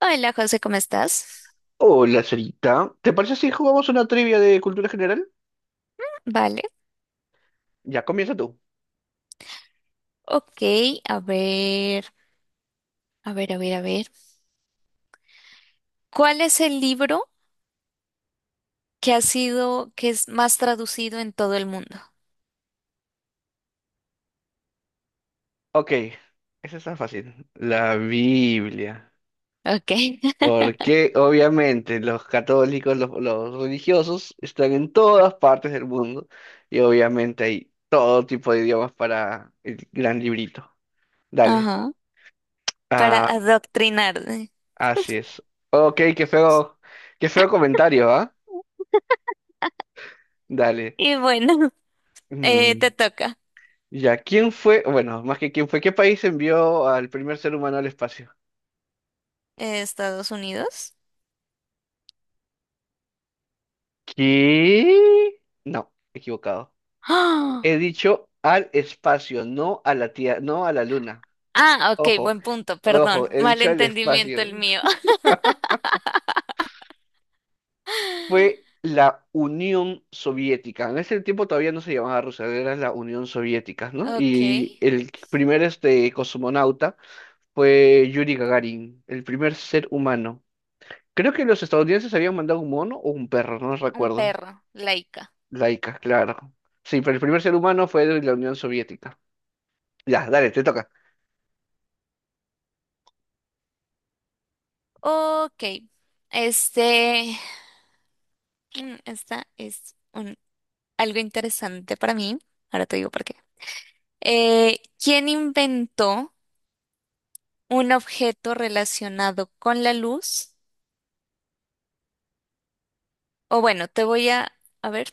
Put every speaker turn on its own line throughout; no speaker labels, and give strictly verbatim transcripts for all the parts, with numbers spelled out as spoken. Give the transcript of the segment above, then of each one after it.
Hola José, ¿cómo estás?
Hola, Sarita. ¿Te parece si jugamos una trivia de cultura general?
Vale,
Ya, comienza tú.
ok, a ver, a ver, a ver, a ver. ¿Cuál es el libro que ha sido, que es más traducido en todo el mundo?
Ok, esa está fácil. La Biblia.
Ok,
Porque obviamente los católicos, los, los religiosos, están en todas partes del mundo y obviamente hay todo tipo de idiomas para el gran librito. Dale.
ajá, para
Ah,
adoctrinarme.
así es. Ok, qué feo, qué feo comentario, ¿ah? Dale.
Y bueno, eh,
Mm,
te toca.
Ya, ¿quién fue? Bueno, más que quién fue, ¿qué país envió al primer ser humano al espacio?
Eh, Estados Unidos.
¿Qué? No, equivocado.
¡Ah!
He dicho al espacio, no a la tierra, no a la luna.
Ah, ok,
Ojo,
buen punto,
ojo,
perdón,
he dicho al
malentendimiento
espacio.
el mío.
Fue la Unión Soviética. En ese tiempo todavía no se llamaba Rusia, era la Unión Soviética, ¿no?
Ok,
Y el primer este cosmonauta fue Yuri Gagarin, el primer ser humano. Creo que los estadounidenses habían mandado un mono o un perro, no
un
recuerdo.
perro, laica.
Laica, claro. Sí, pero el primer ser humano fue de la Unión Soviética. Ya, dale, te toca.
Ok, este, mm, Esta es un- algo interesante para mí. Ahora te digo por qué. Eh, ¿quién inventó un objeto relacionado con la luz? O bueno, te voy a, a ver,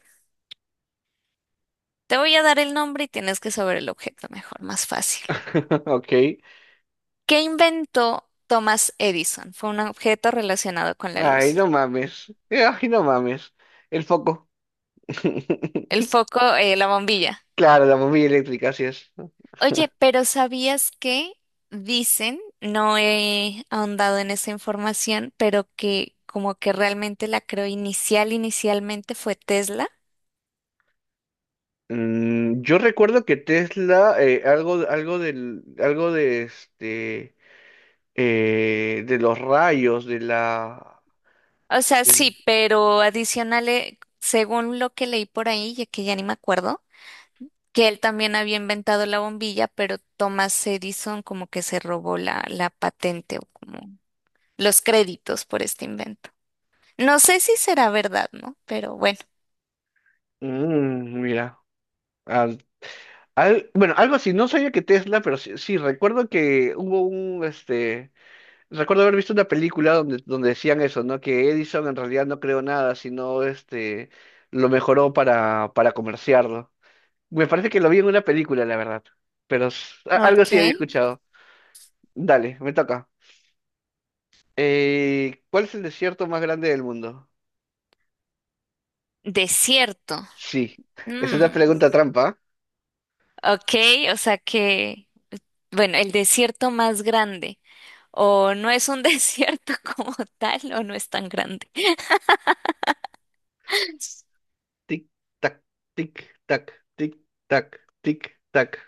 te voy a dar el nombre y tienes que saber el objeto mejor, más fácil.
Ok.
¿Qué inventó Thomas Edison? Fue un objeto relacionado con la
Ay,
luz.
no mames. Ay, no mames. El foco.
El foco, eh, la bombilla.
Claro, la bombilla eléctrica, así es.
Oye, pero ¿sabías que dicen, no he ahondado en esa información, pero que como que realmente la creo inicial, inicialmente fue Tesla?
Mm, yo recuerdo que Tesla, eh, algo, algo del, algo de este, eh, de los rayos, de la,
O sea,
del-
sí, pero adicional, eh, según lo que leí por ahí, ya que ya ni me acuerdo, que él también había inventado la bombilla, pero Thomas Edison como que se robó la, la patente o como los créditos por este invento. No sé si será verdad, ¿no? Pero bueno,
Mm, mira, Ah, al- bueno, algo así. No sabía que Tesla, pero sí, sí, recuerdo que hubo un, este, recuerdo haber visto una película donde, donde decían eso, ¿no? Que Edison en realidad no creó nada, sino este lo mejoró para, para, comerciarlo. Me parece que lo vi en una película, la verdad. Pero s- a- algo
ok.
sí había escuchado. Dale, me toca. Eh, ¿cuál es el desierto más grande del mundo?
Desierto.
Sí, es una
Mm,
pregunta trampa.
ok, o sea que, bueno, el desierto más grande, o no es un desierto como tal, o no es tan grande.
Tic, tac, tic, tac, tic, tac, tic, tac.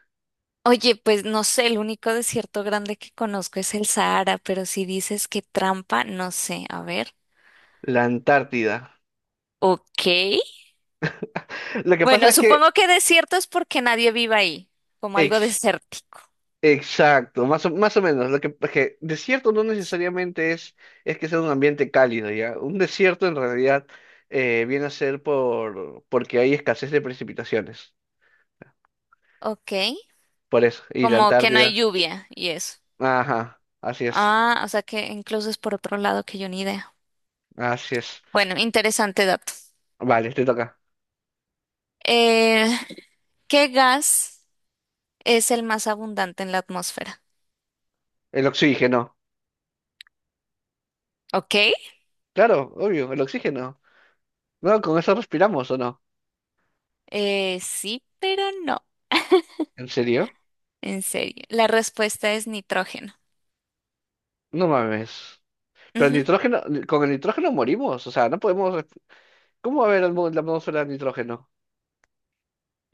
Oye, pues no sé, el único desierto grande que conozco es el Sahara, pero si dices que trampa, no sé, a ver.
La Antártida.
Ok.
Lo que pasa
Bueno,
es que...
supongo que desierto es porque nadie vive ahí, como algo desértico.
Exacto, más o, más o menos. Lo que, que desierto no necesariamente es, es que sea un ambiente cálido, ¿ya? Un desierto en realidad eh, viene a ser por, porque hay escasez de precipitaciones.
Ok.
Por eso. Y la
Como que no hay
Antártida.
lluvia y eso.
Ajá, así es.
Ah, o sea que incluso es por otro lado que yo ni idea.
Así es.
Bueno, interesante dato.
Vale, te toca.
Eh, ¿Qué gas es el más abundante en la atmósfera?
El oxígeno.
Ok,
Claro, obvio, el oxígeno. No, con eso respiramos, ¿o no?
eh, sí, pero no,
¿En serio?
en serio. La respuesta es nitrógeno.
No mames. Pero el
Ujú.
nitrógeno, con el nitrógeno morimos. O sea, no podemos. Resp- ¿Cómo va a haber el mo- la atmósfera de nitrógeno?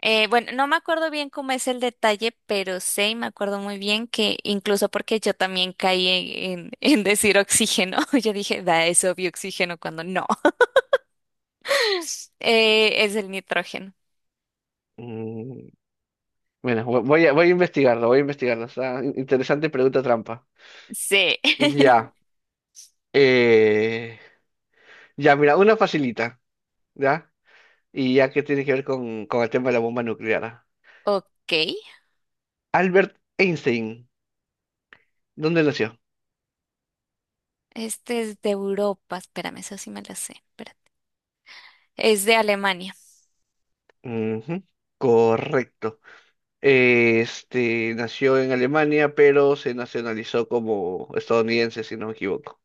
Eh, bueno, no me acuerdo bien cómo es el detalle, pero sé y me acuerdo muy bien que incluso porque yo también caí en, en- en decir oxígeno, yo dije, da, es obvio oxígeno cuando no, Eh, es el nitrógeno.
Mm, Bueno, vo- voy a, voy a investigarlo, voy a investigarlo. Está in- interesante pregunta trampa.
Sí.
Ya. eh, ya, mira, una facilita, ¿ya? Y ya que tiene que ver con, con, el tema de la bomba nuclear. ¿Ah?
Ok,
Albert Einstein, ¿dónde nació?
este es de Europa, espérame, eso sí me lo sé, espérate. Es de Alemania.
Ujú. Correcto. Este, nació en Alemania, pero se nacionalizó como estadounidense, si no me equivoco.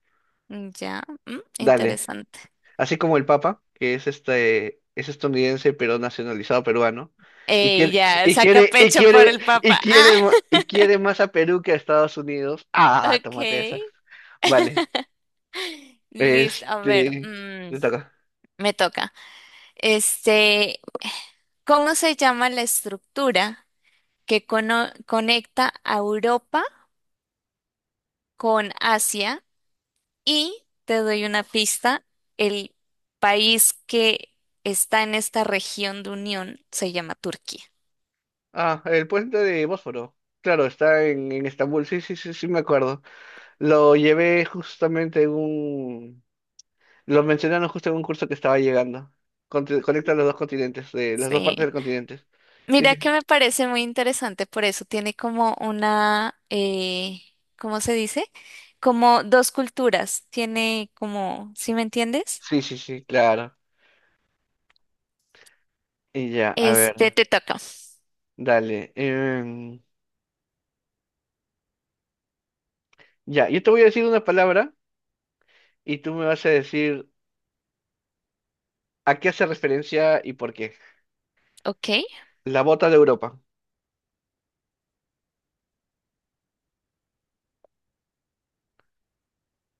Mm, ya, mm,
Dale.
interesante.
Así como el Papa, que es este, es estadounidense pero nacionalizado peruano, y
Ey,
quiere,
ya,
y
saca
quiere, y
pecho por
quiere,
el
y
papá. Ah,
quiere, ma- y quiere más a Perú que a Estados Unidos. Ah, tómate esa.
ok.
Vale.
Listo, a ver,
Este,
mm,
te toca.
me toca. Este, ¿cómo se llama la estructura que cono- conecta a Europa con Asia? Y te doy una pista, el país que está en esta región de unión se llama Turquía.
Ah, el puente de Bósforo. Claro, está en, en Estambul. Sí, sí, sí, sí, me acuerdo. Lo llevé justamente en un, lo mencionaron justo en un curso que estaba llegando. Conte- Conecta los dos continentes, eh, las dos partes
Sí.
del continente. Sí,
Mira
sí,
que me parece muy interesante, por eso tiene como una, eh, ¿cómo se dice? Como dos culturas, tiene como, ¿sí me entiendes?
sí, sí, sí, claro. Y ya, a
Este
ver,
te toca,
dale. em, ya, yo te voy a decir una palabra y tú me vas a decir a qué hace referencia y por qué.
¿ok?
La bota de Europa.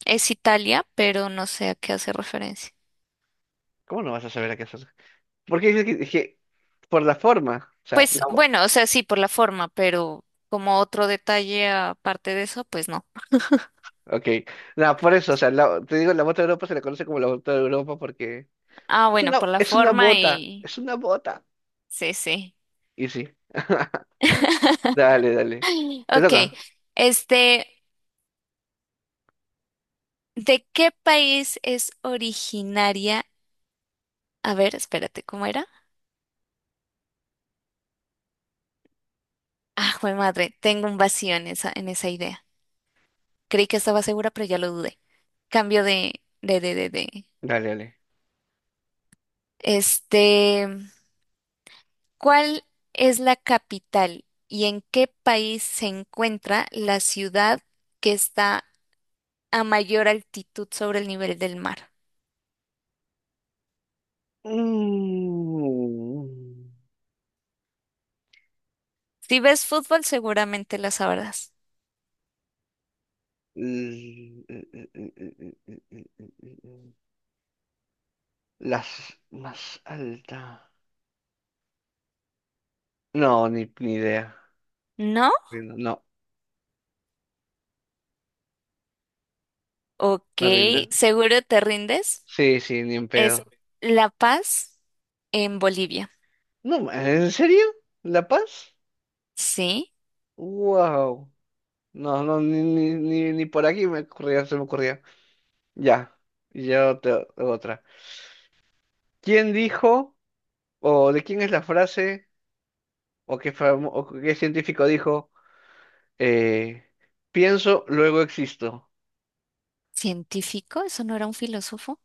Es Italia, pero no sé a qué hace referencia.
¿Cómo no vas a saber a qué hace? Porque dices que, que, por la forma, o sea,
Pues
la, bo-
bueno, o sea, sí, por la forma, pero como otro detalle aparte de eso, pues no.
ok, no, por eso, o sea, la- te digo, la bota de Europa se la conoce como la bota de Europa porque
Ah,
es
bueno,
una,
por la
es una
forma
bota,
y...
es una bota.
Sí, sí.
Y sí. Dale, dale. ¿Te
Ok,
toca?
este, ¿de qué país es originaria? A ver, espérate, ¿cómo era? Ah, jue madre, tengo un vacío en esa, en esa idea. Creí que estaba segura, pero ya lo dudé. Cambio de, de, de, de, de.
Dale, dale.
Este, ¿cuál es la capital y en qué país se encuentra la ciudad que está a mayor altitud sobre el nivel del mar?
Mm.
Si ves fútbol, seguramente la sabrás.
eh, eh, eh, eh, eh, eh, eh, eh, eh. Las más altas. No, ni, ni idea.
¿No?
Rindo. No,
Ok,
me rindo. ¿No?
¿seguro te rindes?
Sí, sí, ni en
Es
pedo.
La Paz en Bolivia.
No, ¿en serio? ¿La Paz?
Sí.
Wow. No, no, ni, ni, ni, ni por aquí me ocurría, se me ocurría. Ya, yo te otra. ¿Quién dijo, o de quién es la frase, o qué, famo- o qué científico dijo, eh, pienso, luego existo?
¿Científico? ¿Eso no era un filósofo?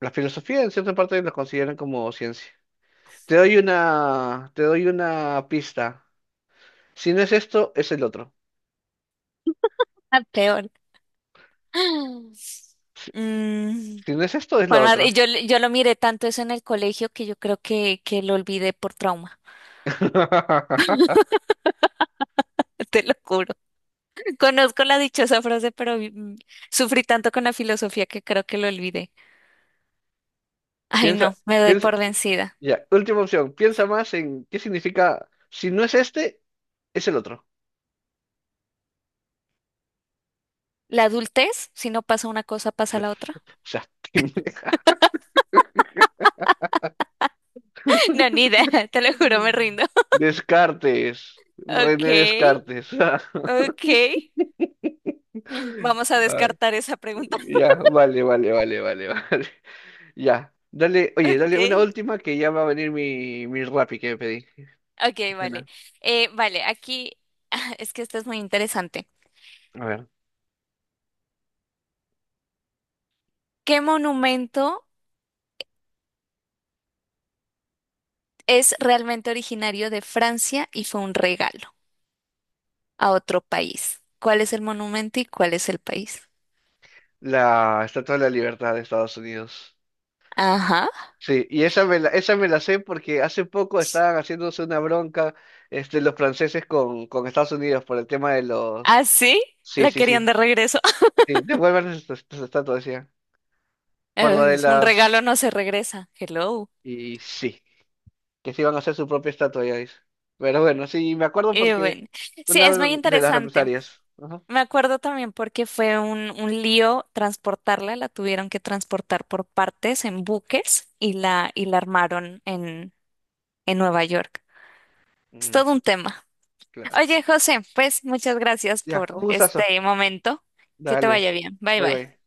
La filosofía en cierta parte la consideran como ciencia. Te doy una, te doy una pista. Si no es esto, es el otro.
Ah, peor.
Si,
Mm,
si no es esto, es lo
Juan Mar-
otro.
yo, yo lo miré tanto eso en el colegio que yo creo que, que lo olvidé por trauma. Te lo juro. Conozco la dichosa frase, pero mm, sufrí tanto con la filosofía que creo que lo olvidé. Ay,
Piensa,
no, me doy
piensa,
por vencida.
ya, última opción. Piensa más en qué significa, si no es este, es el otro.
La adultez, si no pasa una cosa, pasa
O
la otra.
sea, te-
No, ni idea, te lo juro, me rindo.
Descartes,
Ok,
René Descartes.
ok. Vamos a
Ay,
descartar esa pregunta.
ya, vale, vale, vale, vale, vale. Ya, dale, oye, dale una
Ok.
última que ya va a venir mi, mi Rappi que pedí.
Ok, vale.
Cena.
Eh, vale, aquí es que esto es muy interesante.
A ver,
¿Qué monumento es realmente originario de Francia y fue un regalo a otro país? ¿Cuál es el monumento y cuál es el país?
la Estatua de la Libertad de Estados Unidos.
Ajá.
Sí, y esa me la, esa me la sé porque hace poco estaban haciéndose una bronca este, los franceses con, con, Estados Unidos por el tema de los...
¿Ah, sí?
Sí,
La
sí,
querían de
sí.
regreso.
Sí, devuelvan estas estas estatuas, decía. Por lo
Eh,
de
es un regalo,
las...
no se regresa. Hello.
Y sí, que se iban a hacer su propia estatua, ya dice. Pero bueno, sí, me acuerdo
Eh,
porque
bueno. Sí,
una
es muy
de las
interesante.
represalias. Ajá.
Me acuerdo también porque fue un, un lío transportarla, la tuvieron que transportar por partes en buques y la, y la armaron en Nueva York. Es
Mm,
todo un tema.
claro.
Oye, José, pues muchas gracias
Ya,
por
un gustazo.
este momento. Que te
Dale,
vaya bien. Bye
bye
bye.
bye.